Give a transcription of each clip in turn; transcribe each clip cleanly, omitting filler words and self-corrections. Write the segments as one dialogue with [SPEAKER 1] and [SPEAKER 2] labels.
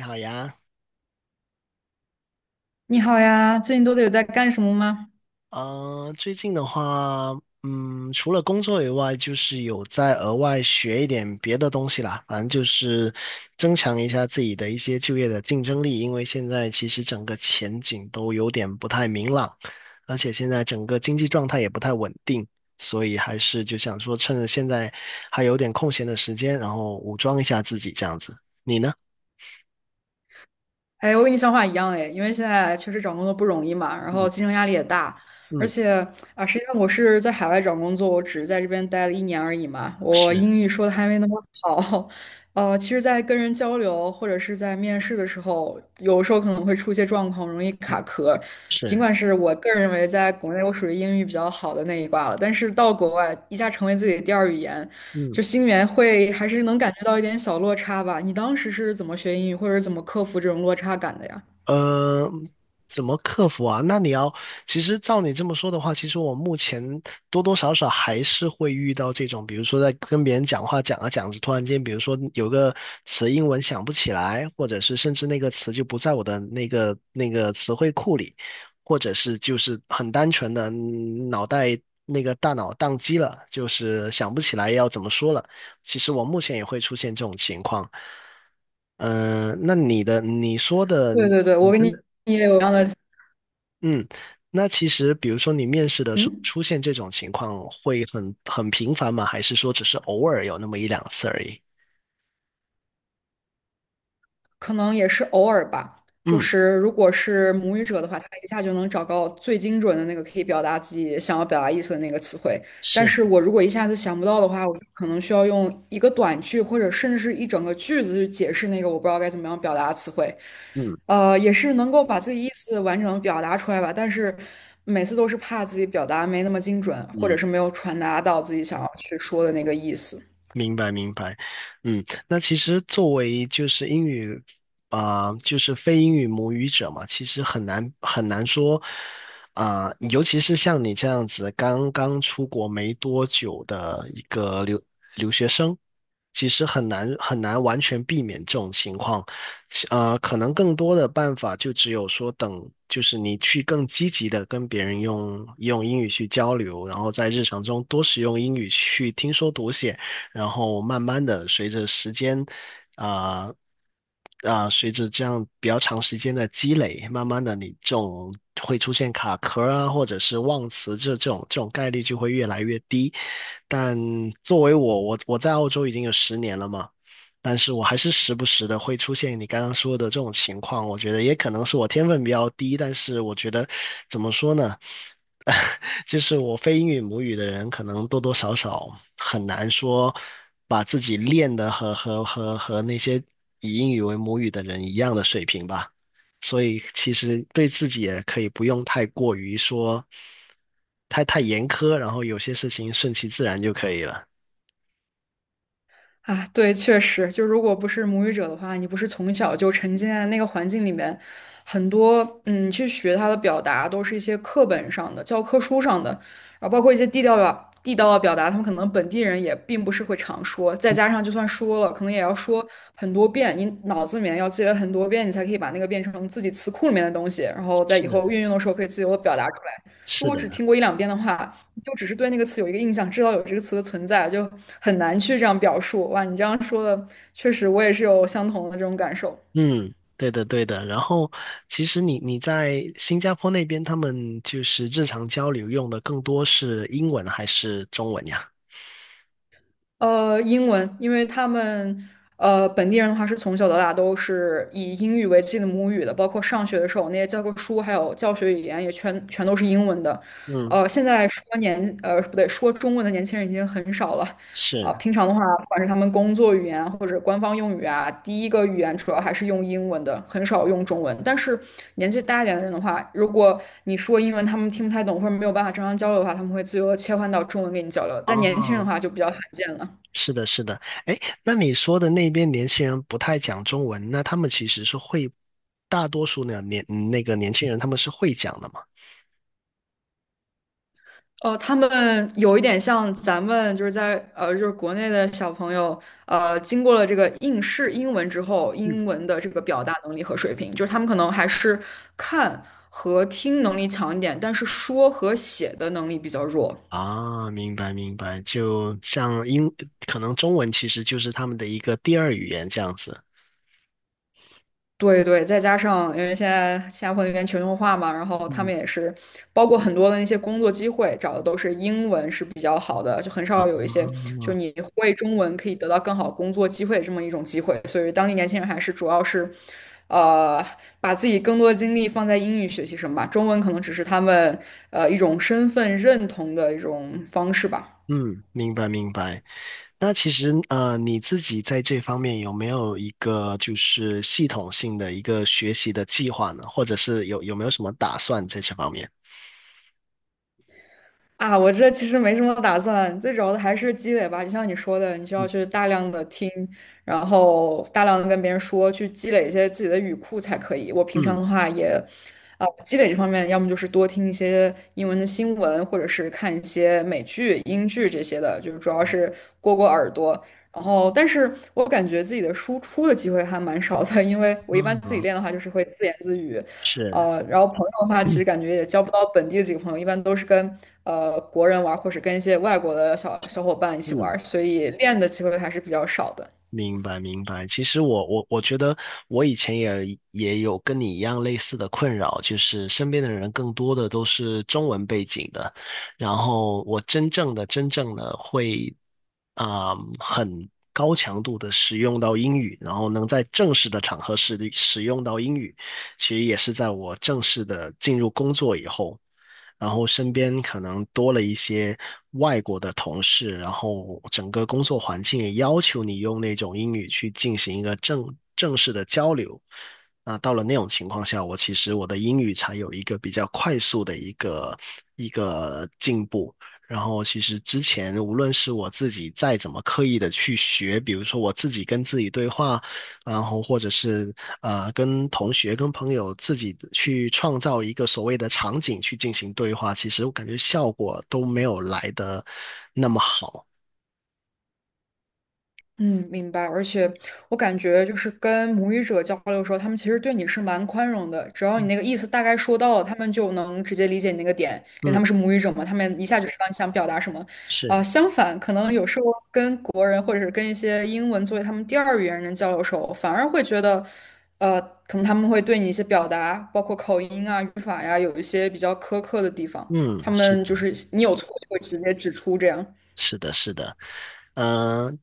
[SPEAKER 1] 你好呀，
[SPEAKER 2] 你好呀，最近都得有在干什么吗？
[SPEAKER 1] 最近的话，除了工作以外，就是有在额外学一点别的东西啦，反正就是增强一下自己的一些就业的竞争力，因为现在其实整个前景都有点不太明朗，而且现在整个经济状态也不太稳定，所以还是就想说趁着现在还有点空闲的时间，然后武装一下自己这样子。你呢？
[SPEAKER 2] 哎，我跟你想法一样哎，因为现在确实找工作不容易嘛，然后
[SPEAKER 1] 嗯
[SPEAKER 2] 竞争压力也大，而
[SPEAKER 1] 嗯，
[SPEAKER 2] 且啊，实际上我是在海外找工作，我只是在这边待了一年而已嘛，我
[SPEAKER 1] 是，
[SPEAKER 2] 英语说的还没那么好，其实，在跟人交流或者是在面试的时候，有时候可能会出一些状况，容易
[SPEAKER 1] 嗯
[SPEAKER 2] 卡壳。尽
[SPEAKER 1] 是，
[SPEAKER 2] 管是我个人认为在国内我属于英语比较好的那一挂了，但是到国外一下成为自己的第二语言。
[SPEAKER 1] 嗯。
[SPEAKER 2] 就心里面会还是能感觉到一点小落差吧。你当时是怎么学英语，或者是怎么克服这种落差感的呀？
[SPEAKER 1] 呃，怎么克服啊？那你要，其实照你这么说的话，其实我目前多多少少还是会遇到这种，比如说在跟别人讲话讲啊讲着，突然间，比如说有个词英文想不起来，或者是甚至那个词就不在我的那个词汇库里，或者是就是很单纯的脑袋那个大脑宕机了，就是想不起来要怎么说了。其实我目前也会出现这种情况。嗯，那你的你说的，
[SPEAKER 2] 对对对，我跟你也有一样的，
[SPEAKER 1] 嗯，那其实比如说你面试的时候
[SPEAKER 2] 嗯。
[SPEAKER 1] 出现这种情况会很频繁吗？还是说只是偶尔有那么一两次而已？
[SPEAKER 2] 可能也是偶尔吧。就
[SPEAKER 1] 嗯，
[SPEAKER 2] 是如果是母语者的话，他一下就能找到最精准的那个可以表达自己想要表达意思的那个词汇。但
[SPEAKER 1] 是，
[SPEAKER 2] 是我如果一下子想不到的话，我就可能需要用一个短句或者甚至是一整个句子去解释那个我不知道该怎么样表达的词汇。
[SPEAKER 1] 嗯
[SPEAKER 2] 也是能够把自己意思完整地表达出来吧，但是每次都是怕自己表达没那么精准，或者
[SPEAKER 1] 嗯，
[SPEAKER 2] 是没有传达到自己想要去说的那个意思。
[SPEAKER 1] 明白明白，嗯，那其实作为就是英语就是非英语母语者嘛，其实很难很难说尤其是像你这样子刚刚出国没多久的一个留其实很难很难完全避免这种情况，可能更多的办法就只有说等，就是你去更积极的跟别人用英语去交流，然后在日常中多使用英语去听说读写，然后慢慢的随着时间。啊随着这样比较长时间的积累，慢慢的你这种会出现卡壳啊，或者是忘词这种概率就会越来越低。但作为我，我在澳洲已经有10年了嘛，但是我还是时不时的会出现你刚刚说的这种情况。我觉得也可能是我天分比较低，但是我觉得怎么说呢？就是我非英语母语的人，可能多多少少很难说把自己练的和那些以英语为母语的人一样的水平吧。所以其实对自己也可以不用太过于说太严苛，然后有些事情顺其自然就可以了。
[SPEAKER 2] 啊，对，确实，就如果不是母语者的话，你不是从小就沉浸在那个环境里面，很多嗯，去学它的表达都是一些课本上的、教科书上的，然后包括一些地道表、地道的表达，他们可能本地人也并不是会常说，再加上就算说了，可能也要说很多遍，你脑子里面要记了很多遍，你才可以把那个变成自己词库里面的东西，然后在以后
[SPEAKER 1] 是
[SPEAKER 2] 运用的时候可以自由的表达出来。如
[SPEAKER 1] 是
[SPEAKER 2] 果
[SPEAKER 1] 的，
[SPEAKER 2] 只听过一两遍的话，就只是对那个词有一个印象，知道有这个词的存在，就很难去这样表述。哇，你这样说的，确实我也是有相同的这种感受。
[SPEAKER 1] 嗯，对的对的。然后其实你在新加坡那边，他们就是日常交流用的更多是英文还是中文呀？
[SPEAKER 2] 英文，因为他们本地人的话是从小到大都是以英语为自己的母语的，包括上学的时候那些教科书还有教学语言也全都是英文的。
[SPEAKER 1] 嗯。
[SPEAKER 2] 现在说年呃不对，说中文的年轻人已经很少了。啊、
[SPEAKER 1] 是，
[SPEAKER 2] 平常的话，不管是他们工作语言或者官方用语啊，第一个语言主要还是用英文的，很少用中文。但是年纪大一点的人的话，如果你说英文他们听不太懂或者没有办法正常交流的话，他们会自由的切换到中文跟你交流。但年轻人的
[SPEAKER 1] 哦，
[SPEAKER 2] 话就比较罕见了。
[SPEAKER 1] 是的，是的。哎，那你说的那边年轻人不太讲中文，那他们其实是会，大多数呢那个年轻人他们是会讲的嘛？
[SPEAKER 2] 哦，他们有一点像咱们就是在就是国内的小朋友，经过了这个应试英文之后，
[SPEAKER 1] 嗯，
[SPEAKER 2] 英文的这个表达能力和水平，就是他们可能还是看和听能力强一点，但是说和写的能力比较弱。
[SPEAKER 1] 啊，明白明白，就像英，可能中文其实就是他们的一个第二语言这样子。
[SPEAKER 2] 对对，再加上因为现在新加坡那边全球化嘛，然后他
[SPEAKER 1] 嗯，
[SPEAKER 2] 们也是包括很多的那些工作机会找的都是英文是比较好的，就很
[SPEAKER 1] 啊，
[SPEAKER 2] 少有一些就你会中文可以得到更好工作机会这么一种机会，所以当地年轻人还是主要是，呃，把自己更多的精力放在英语学习上吧，中文可能只是他们一种身份认同的一种方式吧。
[SPEAKER 1] 嗯，明白明白。那其实你自己在这方面有没有一个就是系统性的一个学习的计划呢？或者是有没有什么打算在这方面？
[SPEAKER 2] 啊，我这其实没什么打算，最主要的还是积累吧。就像你说的，你需要
[SPEAKER 1] 嗯
[SPEAKER 2] 去大量的听，然后大量的跟别人说，去积累一些自己的语库才可以。我平常
[SPEAKER 1] 嗯
[SPEAKER 2] 的话也，啊、积累这方面，要么就是多听一些英文的新闻，或者是看一些美剧、英剧这些的，就是主要是过过耳朵。然后，但是我感觉自己的输出的机会还蛮少的，因为我一般
[SPEAKER 1] 嗯，
[SPEAKER 2] 自己
[SPEAKER 1] 好
[SPEAKER 2] 练的话，就是会自言自语，
[SPEAKER 1] 是，
[SPEAKER 2] 然后朋友的话，其实
[SPEAKER 1] 嗯
[SPEAKER 2] 感觉也交不到本地的几个朋友，一般都是跟国人玩儿，或者跟一些外国的小小伙伴一起玩
[SPEAKER 1] 嗯。
[SPEAKER 2] 儿，所以练的机会还是比较少的。
[SPEAKER 1] 明白，明白。其实我觉得我以前也有跟你一样类似的困扰，就是身边的人更多的都是中文背景的，然后我真正的会啊、很高强度的使用到英语，然后能在正式的场合使用到英语，其实也是在我正式的进入工作以后。然后身边可能多了一些外国的同事，然后整个工作环境也要求你用那种英语去进行一个正式的交流。那到了那种情况下，我其实我的英语才有一个比较快速的一个进步。然后其实之前无论是我自己再怎么刻意的去学，比如说我自己跟自己对话，然后或者是跟同学、跟朋友自己去创造一个所谓的场景去进行对话，其实我感觉效果都没有来的那么好。
[SPEAKER 2] 嗯，明白。而且我感觉就是跟母语者交流的时候，他们其实对你是蛮宽容的，只要你那个意思大概说到了，他们就能直接理解你那个点，因为他们
[SPEAKER 1] 嗯，
[SPEAKER 2] 是母语者嘛，他们一下就知道你想表达什么。啊、
[SPEAKER 1] 是，
[SPEAKER 2] 相反，可能有时候跟国人或者是跟一些英文作为他们第二语言人交流的时候，反而会觉得，呃，可能他们会对你一些表达，包括口音啊、语法呀，有一些比较苛刻的地方，
[SPEAKER 1] 嗯，
[SPEAKER 2] 他
[SPEAKER 1] 是
[SPEAKER 2] 们就
[SPEAKER 1] 的。
[SPEAKER 2] 是你有错就会直接指出这样。
[SPEAKER 1] 是的，是的，嗯、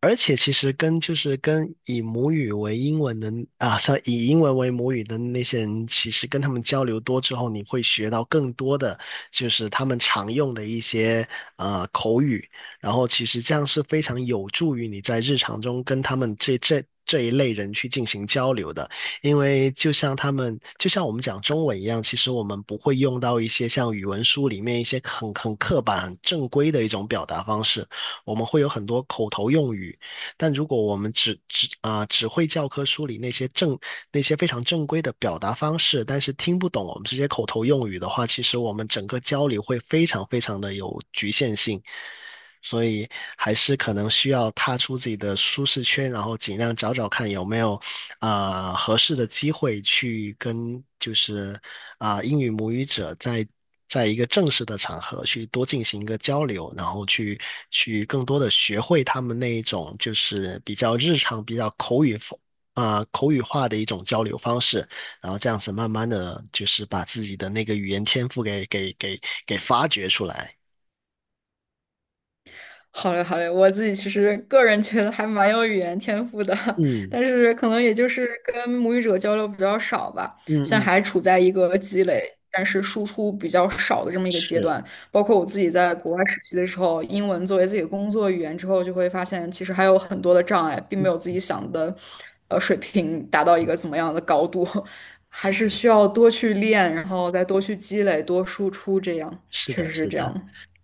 [SPEAKER 1] 而且其实跟就是跟以母语为英文的啊，像以英文为母语的那些人，其实跟他们交流多之后，你会学到更多的就是他们常用的一些口语，然后其实这样是非常有助于你在日常中跟他们这一类人去进行交流的。因为就像他们，就像我们讲中文一样，其实我们不会用到一些像语文书里面一些很刻板、很正规的一种表达方式，我们会有很多口头用语。但如果我们只会教科书里那些非常正规的表达方式，但是听不懂我们这些口头用语的话，其实我们整个交流会非常非常的有局限性。所以还是可能需要踏出自己的舒适圈，然后尽量找找看有没有合适的机会去跟就是英语母语者在在一个正式的场合去多进行一个交流，然后去更多的学会他们那一种就是比较日常、比较口语口语化的一种交流方式，然后这样子慢慢的就是把自己的那个语言天赋给发掘出来。
[SPEAKER 2] 好嘞，好嘞，我自己其实个人觉得还蛮有语言天赋的，
[SPEAKER 1] 嗯
[SPEAKER 2] 但是可能也就是跟母语者交流比较少吧，
[SPEAKER 1] 嗯
[SPEAKER 2] 现在
[SPEAKER 1] 嗯，
[SPEAKER 2] 还处在一个积累，但是输出比较少的这么一个阶
[SPEAKER 1] 是
[SPEAKER 2] 段。包括我自己在国外实习的时候，英文作为自己的工作语言之后，就会发现其实还有很多的障碍，并没有自己想的，水平达到一个怎么样的高度，还是需要多去练，然后再多去积累，多输出，这样
[SPEAKER 1] 是
[SPEAKER 2] 确
[SPEAKER 1] 的，
[SPEAKER 2] 实是
[SPEAKER 1] 是
[SPEAKER 2] 这
[SPEAKER 1] 的。
[SPEAKER 2] 样。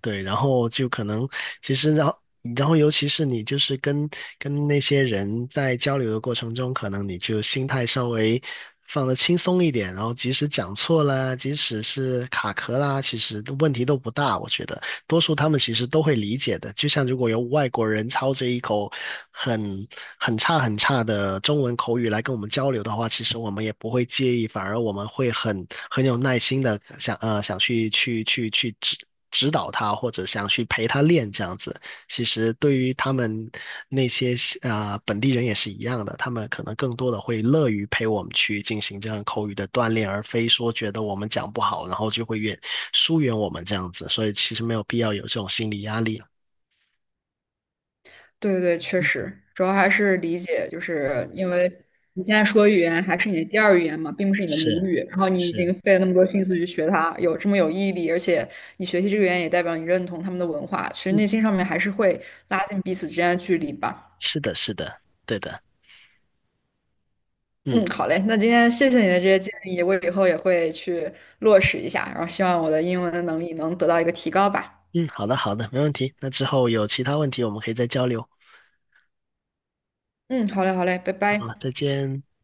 [SPEAKER 1] 对，然后就可能其实然后然后尤其是你就是跟那些人在交流的过程中，可能你就心态稍微放得轻松一点，然后即使讲错了，即使是卡壳啦，其实问题都不大，我觉得。多数他们其实都会理解的。就像如果有外国人操着一口很很差很差的中文口语来跟我们交流的话，其实我们也不会介意，反而我们会很有耐心的想想去指导他，或者想去陪他练这样子。其实对于他们那些本地人也是一样的，他们可能更多的会乐于陪我们去进行这样口语的锻炼，而非说觉得我们讲不好，然后就会疏远我们这样子。所以其实没有必要有这种心理压力啊。
[SPEAKER 2] 对对对，确实，主要还是理解，就是因为你现在说语言还是你的第二语言嘛，并不是你的母
[SPEAKER 1] 是
[SPEAKER 2] 语，然后你已经
[SPEAKER 1] 是，
[SPEAKER 2] 费了那么多心思去学它，有这么有毅力，而且你学习这个语言也代表你认同他们的文化，其实内
[SPEAKER 1] 嗯，
[SPEAKER 2] 心上面还是会拉近彼此之间的距离吧。
[SPEAKER 1] 是的，是的，对的，嗯
[SPEAKER 2] 嗯，好嘞，那今天谢谢你的这些建议，我以后也会去落实一下，然后希望我的英文能力能得到一个提高吧。
[SPEAKER 1] 嗯，好的好的，没问题。那之后有其他问题我们可以再交流。
[SPEAKER 2] 嗯，好嘞，好嘞，拜
[SPEAKER 1] 好，
[SPEAKER 2] 拜。
[SPEAKER 1] 再见。